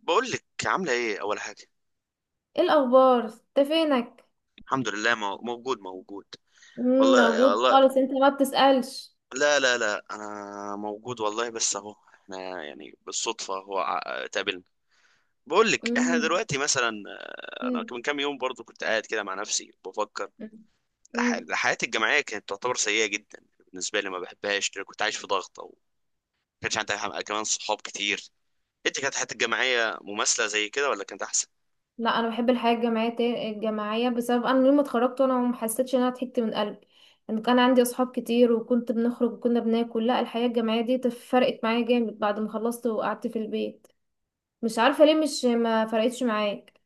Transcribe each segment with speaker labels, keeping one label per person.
Speaker 1: بقول لك عامله ايه اول حاجه.
Speaker 2: ايه الاخبار؟ انت فينك؟
Speaker 1: الحمد لله، موجود موجود.
Speaker 2: مم،
Speaker 1: والله
Speaker 2: موجود
Speaker 1: والله.
Speaker 2: خالص، انت ما بتسألش؟
Speaker 1: لا لا لا، انا موجود والله، بس اهو احنا يعني بالصدفه تقابلنا. بقول لك احنا
Speaker 2: مم.
Speaker 1: دلوقتي مثلا، انا
Speaker 2: مم.
Speaker 1: من كام يوم برضو كنت قاعد كده مع نفسي بفكر.
Speaker 2: مم. مم.
Speaker 1: حياتي الجامعيه كانت تعتبر سيئه جدا بالنسبه لي، ما بحبهاش لأن كنت عايش في ضغط، او ما كانش عندي كمان صحاب كتير. انت كانت حياتك الجامعيه مماثله زي كده ولا كانت احسن؟
Speaker 2: لا، انا بحب الحياة الجماعية الجماعية، بسبب انا يوم ما اتخرجت وانا ما حسيتش ان انا ضحكت من قلبي ان كان عندي اصحاب كتير وكنت بنخرج وكنا بناكل. لا، الحياة الجماعية دي فرقت معايا جامد بعد ما خلصت وقعدت في البيت. مش عارفة ليه مش ما فرقتش معاك؟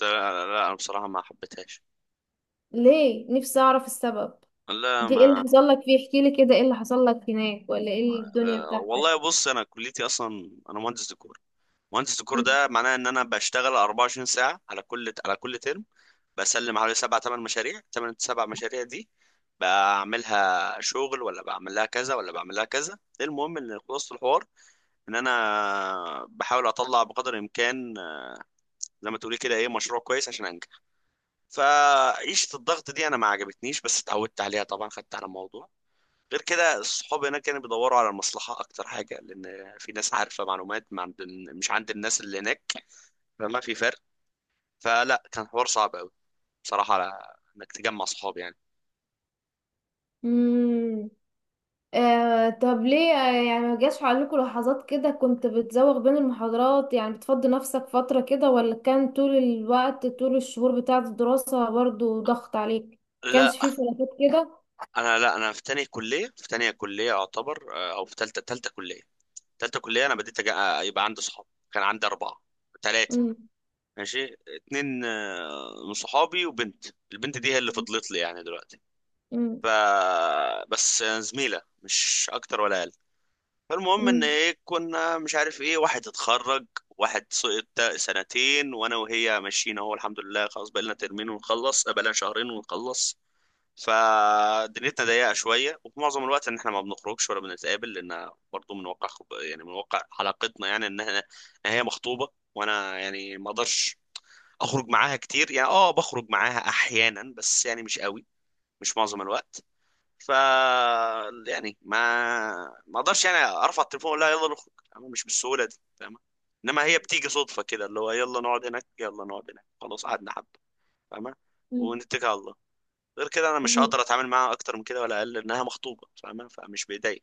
Speaker 1: لا لا، انا بصراحه ما حبيتهاش.
Speaker 2: ليه؟ نفسي اعرف السبب.
Speaker 1: لا
Speaker 2: دي ايه اللي
Speaker 1: ما.
Speaker 2: حصل لك فيه؟ احكي لي كده، ايه اللي حصل لك هناك؟ ولا ايه الدنيا
Speaker 1: آه،
Speaker 2: بتاعتك؟
Speaker 1: والله بص، انا كليتي اصلا انا مهندس ديكور. مهندس ديكور
Speaker 2: مم.
Speaker 1: ده معناه ان انا بشتغل 24 ساعه على كل ترم. بسلم حوالي سبع ثمان مشاريع، ثمان سبع مشاريع دي بعملها شغل، ولا بعمل لها كذا ولا بعمل لها كذا. المهم ان خلاصه الحوار ان انا بحاول اطلع بقدر الامكان، آه، زي ما تقولي كده، ايه، مشروع كويس عشان انجح. فعيشه الضغط دي انا ما عجبتنيش، بس اتعودت عليها طبعا، خدت على الموضوع. غير كده، الصحاب هناك كانوا بيدوروا على المصلحة أكتر حاجة، لأن في ناس عارفة معلومات ما عند، مش عند الناس اللي هناك، فما في فرق. فلا، كان حوار صعب أوي بصراحة على إنك تجمع صحاب يعني.
Speaker 2: مم. آه، طب ليه؟ يعني ما جاش عليكم لحظات كده كنت بتزوغ بين المحاضرات، يعني بتفضي نفسك فترة كده؟ ولا كان طول الوقت طول الشهور بتاعة الدراسة برضو ضغط عليك؟
Speaker 1: لا.
Speaker 2: كانش فيه فلاتات كده؟
Speaker 1: أنا في تانية كلية، في تانية كلية أعتبر، آه، أو في تالتة، تالتة كلية، تالتة كلية أنا آه، يبقى عندي صحاب. كان عندي أربعة، تلاتة،
Speaker 2: مم.
Speaker 1: ماشي اتنين، آه، من صحابي وبنت. البنت دي هي اللي فضلت لي يعني دلوقتي.
Speaker 2: مم.
Speaker 1: ف، بس آه، زميلة، مش أكتر ولا أقل. فالمهم ان
Speaker 2: مم.
Speaker 1: ايه، كنا مش عارف ايه، واحد اتخرج، واحد سقط سنتين، وانا وهي ماشيين اهو الحمد لله، خلاص بقالنا ترمين ونخلص، بقالنا شهرين ونخلص. فدنيتنا ضيقه شويه، وفي معظم الوقت ان احنا ما بنخرجش ولا بنتقابل، لان برضه من واقع خب... يعني من واقع علاقتنا، يعني ان إن هي مخطوبه، وانا يعني ما اقدرش اخرج معاها كتير، يعني اه بخرج معاها احيانا، بس يعني مش قوي، مش معظم الوقت. ف يعني ما ما اقدرش يعني ارفع التليفون ولا يلا نخرج، انا مش بالسهوله دي، فاهمه؟ انما هي بتيجي صدفه كده، اللي هو يلا نقعد هناك، يلا نقعد هناك، خلاص قعدنا حبه، فاهمه؟
Speaker 2: مم.
Speaker 1: ونتكل على الله. غير كده انا مش
Speaker 2: مم.
Speaker 1: هقدر اتعامل معاها اكتر من كده ولا اقل، لانها مخطوبه فاهمه، فمش بايديا.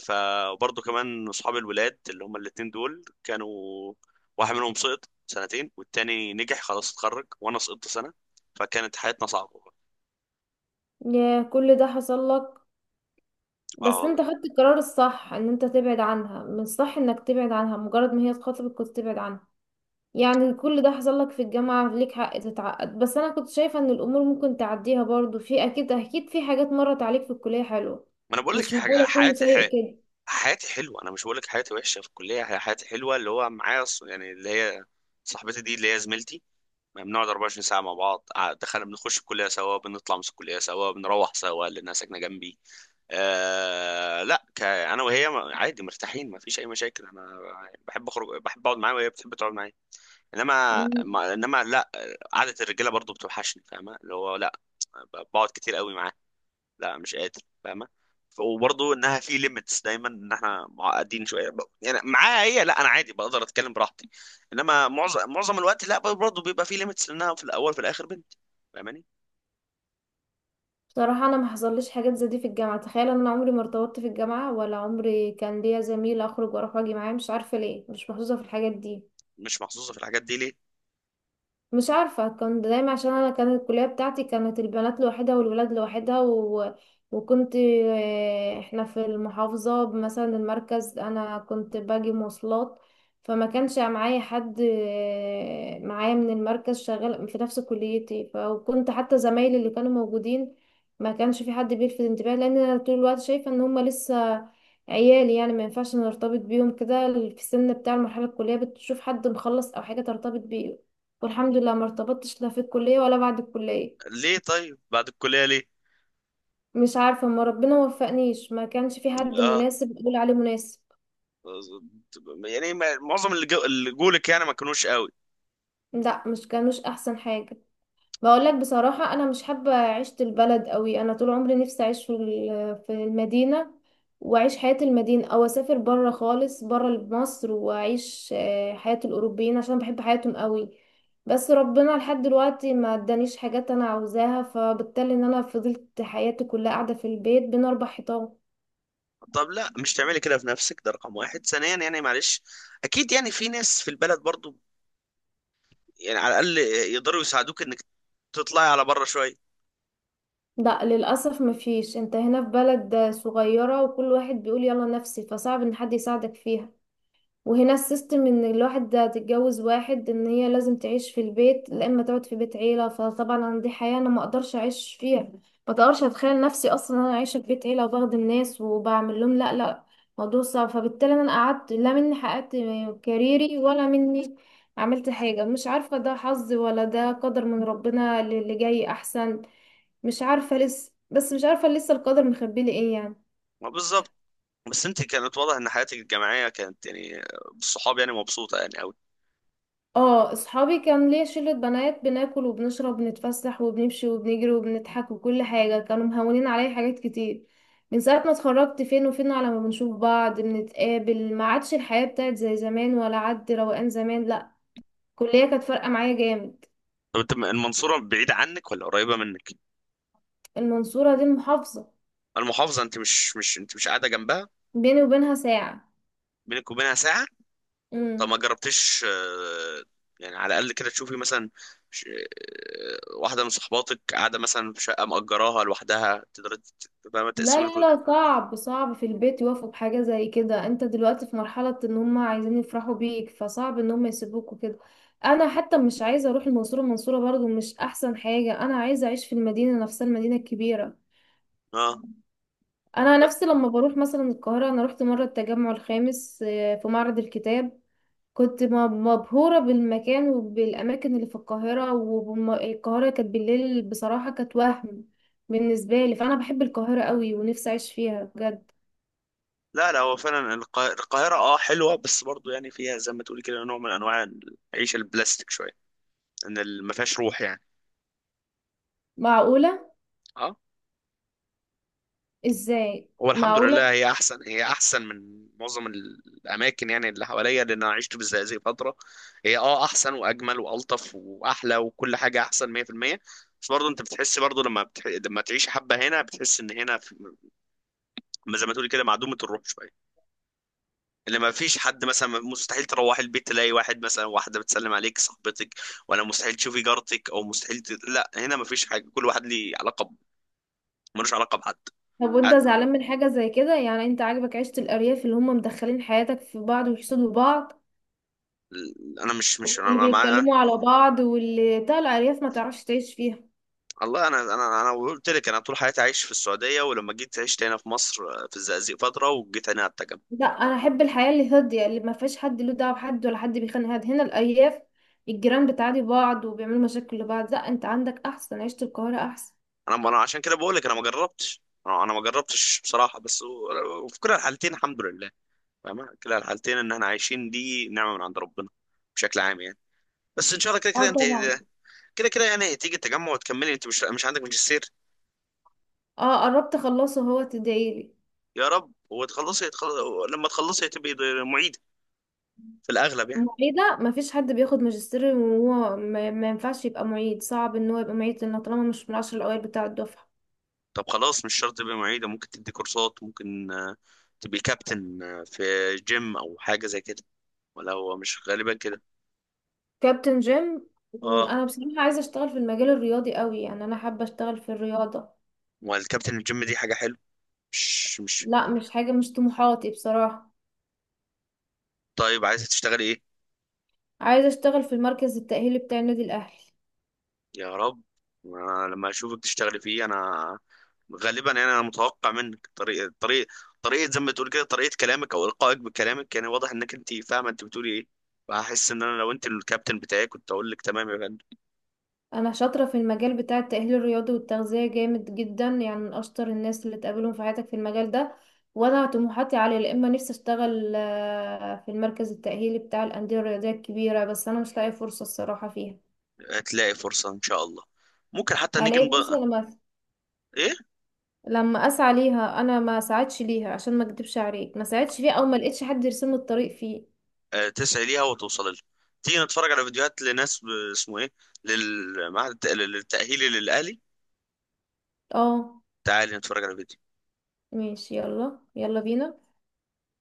Speaker 1: فبرضه كمان اصحاب الولاد اللي هم الاتنين دول كانوا، واحد منهم سقط سنتين والتاني نجح خلاص اتخرج، وانا سقطت سنه، فكانت حياتنا صعبه.
Speaker 2: يا، كل ده حصل لك؟
Speaker 1: اه
Speaker 2: بس
Speaker 1: والله.
Speaker 2: انت خدت القرار الصح ان انت تبعد عنها، من الصح انك تبعد عنها مجرد ما هي تخاطبك كنت تبعد عنها. يعني كل ده حصل لك في الجامعة، ليك حق تتعقد، بس أنا كنت شايفة إن الأمور ممكن تعديها، برضو في أكيد أكيد في حاجات مرت عليك في الكلية حلوة.
Speaker 1: ما انا بقول لك
Speaker 2: مش
Speaker 1: حاجه،
Speaker 2: معقولة كله
Speaker 1: حياتي،
Speaker 2: سيء كده؟
Speaker 1: حياتي حلوه، انا مش بقول لك حياتي وحشه في الكليه، هي حياتي حلوه، اللي هو معايا يعني اللي هي صاحبتي دي اللي هي زميلتي، ما بنقعد 24 ساعه مع بعض، دخلنا بنخش الكليه سوا، بنطلع من الكليه سوا، بنروح سوا لانها ساكنه جنبي. آه لا، انا وهي عادي مرتاحين، ما فيش اي مشاكل، انا بحب اخرج، بحب اقعد معاها وهي بتحب تقعد معايا، انما
Speaker 2: مم.
Speaker 1: ما... انما لا، قعده الرجاله برضو بتوحشني، فاهمه؟ اللي هو لا، بقعد كتير قوي معاها، لا مش قادر، فاهمه؟ وبرضه انها في ليميتس دايما، ان احنا معقدين شويه، يعني معاها هي لا، انا عادي بقدر اتكلم براحتي، انما معظم الوقت لا، برضه بيبقى في ليميتس، لانها في الاول في الاخر بنت، فاهماني؟
Speaker 2: بصراحة أنا ما حصليش حاجات زي دي في الجامعة. تخيل، أنا عمري ما ارتبطت في الجامعة ولا عمري كان ليا زميل أخرج وأروح وأجي معاه، مش عارفة ليه، مش محظوظة في الحاجات دي.
Speaker 1: مش محظوظه في الحاجات دي ليه؟
Speaker 2: مش عارفة، كان دايما عشان أنا كانت الكلية بتاعتي كانت البنات لوحدها والولاد لوحدها، و... وكنت احنا في المحافظة مثلا المركز، أنا كنت باجي مواصلات. فما كانش معايا حد معايا من المركز شغال في نفس كليتي، فكنت حتى زمايلي اللي كانوا موجودين ما كانش في حد بيلفت انتباه، لأن أنا طول الوقت شايفة إن هما لسه عيالي، يعني ما ينفعش نرتبط بيهم كده في السن بتاع المرحلة. الكلية بتشوف حد مخلص أو حاجة ترتبط بيه، والحمد لله ما ارتبطتش لا في الكلية ولا بعد الكلية.
Speaker 1: ليه طيب بعد الكليه ليه؟
Speaker 2: مش عارفة، ما ربنا وفقنيش، ما كانش في حد
Speaker 1: اه،
Speaker 2: مناسب اقول عليه مناسب.
Speaker 1: يعني معظم اللي جولك يعني ما كانوش قوي؟
Speaker 2: لا، مش كانوش احسن حاجة. بقول لك بصراحة، انا مش حابة عيشة البلد قوي، انا طول عمري نفسي اعيش في في المدينة، واعيش حياة المدينة او اسافر برا خالص، برا مصر، واعيش حياة الاوروبيين عشان بحب حياتهم قوي. بس ربنا لحد دلوقتي ما ادانيش حاجات انا عاوزاها، فبالتالي ان انا فضلت حياتي كلها قاعدة في البيت بين اربع حيطان.
Speaker 1: طب لا، مش تعملي كده في نفسك، ده رقم واحد. ثانيا، يعني معلش، اكيد يعني في ناس في البلد برضو، يعني على الاقل يقدروا يساعدوك انك تطلعي على بره شويه.
Speaker 2: لا للأسف مفيش، انت هنا في بلد صغيرة وكل واحد بيقول يلا نفسي، فصعب ان حد يساعدك فيها. وهنا السيستم ان الواحد ده تتجوز واحد ان هي لازم تعيش في البيت، لا اما تقعد في بيت عيلة، فطبعا انا دي حياة انا ما اقدرش اعيش فيها، ما اقدرش اتخيل نفسي اصلا انا عايشة في بيت عيلة وبخدم ناس وبعمل لهم. لا لا، موضوع صعب. فبالتالي انا قعدت لا مني حققت كاريري ولا مني عملت حاجة. مش عارفة، ده حظ ولا ده قدر من ربنا اللي اللي جاي احسن. مش عارفة لسه، بس مش عارفة لسه القدر مخبي لي ايه يعني.
Speaker 1: ما بالظبط. بس انت كانت واضح ان حياتك الجامعيه كانت يعني بالصحاب يعني مبسوطه يعني قوي.
Speaker 2: اه، اصحابي كان ليا شلة بنات، بناكل وبنشرب وبنتفسح وبنمشي وبنجري وبنضحك وكل حاجة، كانوا مهونين عليا حاجات كتير. من ساعة ما اتخرجت فين وفين على ما بنشوف بعض، بنتقابل ما عادش الحياة بتاعت زي زمان ولا عد روقان زمان، لا. الكلية كانت فارقة معايا جامد.
Speaker 1: طب انت المنصوره بعيده عنك ولا قريبه منك؟
Speaker 2: المنصورة دي المحافظة.
Speaker 1: المحافظه، انت مش مش انت مش قاعده جنبها؟
Speaker 2: بيني وبينها ساعة.
Speaker 1: بينك وبينها ساعه. طب ما جربتيش، آه، يعني على الاقل كده تشوفي مثلا، آه، واحده من صحباتك قاعده مثلا في شقه مأجراها لوحدها، تقدر تبقى
Speaker 2: لا
Speaker 1: تقسم
Speaker 2: لا
Speaker 1: الكل.
Speaker 2: لا، صعب، صعب في البيت يوافقوا بحاجة زي كده، انت دلوقتي في مرحلة ان هم عايزين يفرحوا بيك، فصعب ان هم يسيبوك وكده. انا حتى مش عايزة اروح المنصورة، المنصورة برضو مش احسن حاجة، انا عايزة اعيش في المدينة نفسها، المدينة الكبيرة.
Speaker 1: اه.
Speaker 2: انا نفسي لما بروح مثلا القاهرة، انا رحت مرة التجمع الخامس، في معرض الكتاب. كنت مبهورة بالمكان وبالاماكن اللي في القاهرة، والقاهرة كانت بالليل بصراحة كانت وهم. بالنسبة لي فانا بحب القاهرة قوي ونفسي اعيش فيها بجد.
Speaker 1: لا لا، هو فعلا القاهره اه حلوه، بس برضو يعني فيها زي ما تقولي كده نوع من انواع العيشه البلاستيك شويه، ما فيهاش روح يعني.
Speaker 2: معقولة؟
Speaker 1: اه.
Speaker 2: ازاي
Speaker 1: هو الحمد لله
Speaker 2: معقولة؟
Speaker 1: هي احسن، هي احسن من معظم الاماكن يعني اللي حواليا، لان انا عشت في الزقازيق فتره، هي اه احسن واجمل والطف واحلى وكل حاجه احسن 100%. بس برضه انت بتحس برضه لما تعيش حبه هنا بتحس ان زي ما تقول كده معدومه الروح شويه، اللي ما فيش حد، مثلا مستحيل تروح البيت تلاقي واحد، مثلا واحده بتسلم عليك صاحبتك، ولا مستحيل تشوفي جارتك، او لا هنا ما فيش حاجه، كل واحد ليه علاقه ملوش علاقه بحد.
Speaker 2: طب وانت
Speaker 1: عاد-
Speaker 2: زعلان من حاجة زي كده؟ يعني انت عاجبك عيشة الأرياف اللي هم مدخلين حياتك في بعض ويحسدوا بعض،
Speaker 1: انا مش مش انا،
Speaker 2: واللي بيتكلموا على بعض، واللي بتاع الأرياف ما تعرفش تعيش فيها؟
Speaker 1: والله انا انا قلت لك انا طول حياتي عايش في السعوديه، ولما جيت عشت هنا في مصر، آه، في الزقازيق فتره، وجيت هنا على التجمع.
Speaker 2: لا، انا احب الحياة اللي هادية اللي ما فيهاش حد له دعوة بحد ولا حد بيخانق حد. هنا الأرياف الجيران بتعادي بعض وبيعملوا مشاكل لبعض. لا، انت عندك احسن عيشة، القاهرة احسن.
Speaker 1: انا عشان كده بقول لك انا ما جربتش، انا ما جربتش بصراحه، بس وفي كلا الحالتين الحمد لله، فاهمة؟ كلا الحالتين ان احنا عايشين دي نعمه من عند ربنا، بشكل عام يعني. بس ان شاء الله كده كده
Speaker 2: اه
Speaker 1: انت،
Speaker 2: طبعا.
Speaker 1: كده كده يعني تيجي التجمع وتكملي، انت مش مش عندك ماجستير؟
Speaker 2: اه، قربت اخلصه، هو تدعيلي.
Speaker 1: يا رب وتخلصي لما تخلصي تبقي معيد في الاغلب يعني.
Speaker 2: معيدة مفيش حد بياخد ماجستير وهو ما ينفعش يبقى معيد، صعب ان هو يبقى معيد لانه طالما مش من العشر الاوائل بتاع الدفعة.
Speaker 1: طب خلاص مش شرط تبقى معيدة، ممكن تدي كورسات، ممكن آه، تبقي كابتن، آه، في جيم أو حاجة زي كده، ولا هو مش غالبا كده؟
Speaker 2: كابتن جيم؟
Speaker 1: اه،
Speaker 2: انا بصراحة عايزة اشتغل في المجال الرياضي قوي، يعني انا حابة اشتغل في الرياضة.
Speaker 1: والكابتن الجيم دي حاجة حلوة، مش.
Speaker 2: لا مش حاجة، مش طموحاتي بصراحة.
Speaker 1: طيب عايزة تشتغلي ايه؟
Speaker 2: عايزة اشتغل في المركز التأهيلي بتاع النادي الاهلي.
Speaker 1: يا رب. أنا لما أشوفك تشتغلي فيه أنا غالبا يعني أنا متوقع منك طريقة زي ما بتقول كده، طريقة كلامك أو إلقائك بكلامك يعني واضح إنك أنت فاهمة أنت بتقولي ايه، فهحس إن أنا لو أنت الكابتن بتاعي كنت أقول لك تمام يا فندم.
Speaker 2: انا شاطره في المجال بتاع التاهيل الرياضي والتغذيه جامد جدا، يعني من اشطر الناس اللي تقابلهم في حياتك في المجال ده. وانا طموحاتي عاليه، يا اما نفسي اشتغل في المركز التاهيلي بتاع الانديه الرياضيه الكبيره، بس انا مش لاقيه فرصه الصراحه فيها.
Speaker 1: هتلاقي فرصة إن شاء الله، ممكن حتى
Speaker 2: هلاقي فرصه لما
Speaker 1: ايه.
Speaker 2: لما اسعى ليها. انا ما ساعدش ليها عشان ما اكدبش عليك، ما ساعدش فيها او ما لقيتش حد يرسم لي الطريق فيه.
Speaker 1: آه تسعي ليها وتوصل لها. تيجي نتفرج على فيديوهات لناس اسمه ايه، للتأهيلي، للأهلي.
Speaker 2: اه
Speaker 1: تعالي نتفرج على فيديو.
Speaker 2: ماشي، يلا يلا بينا.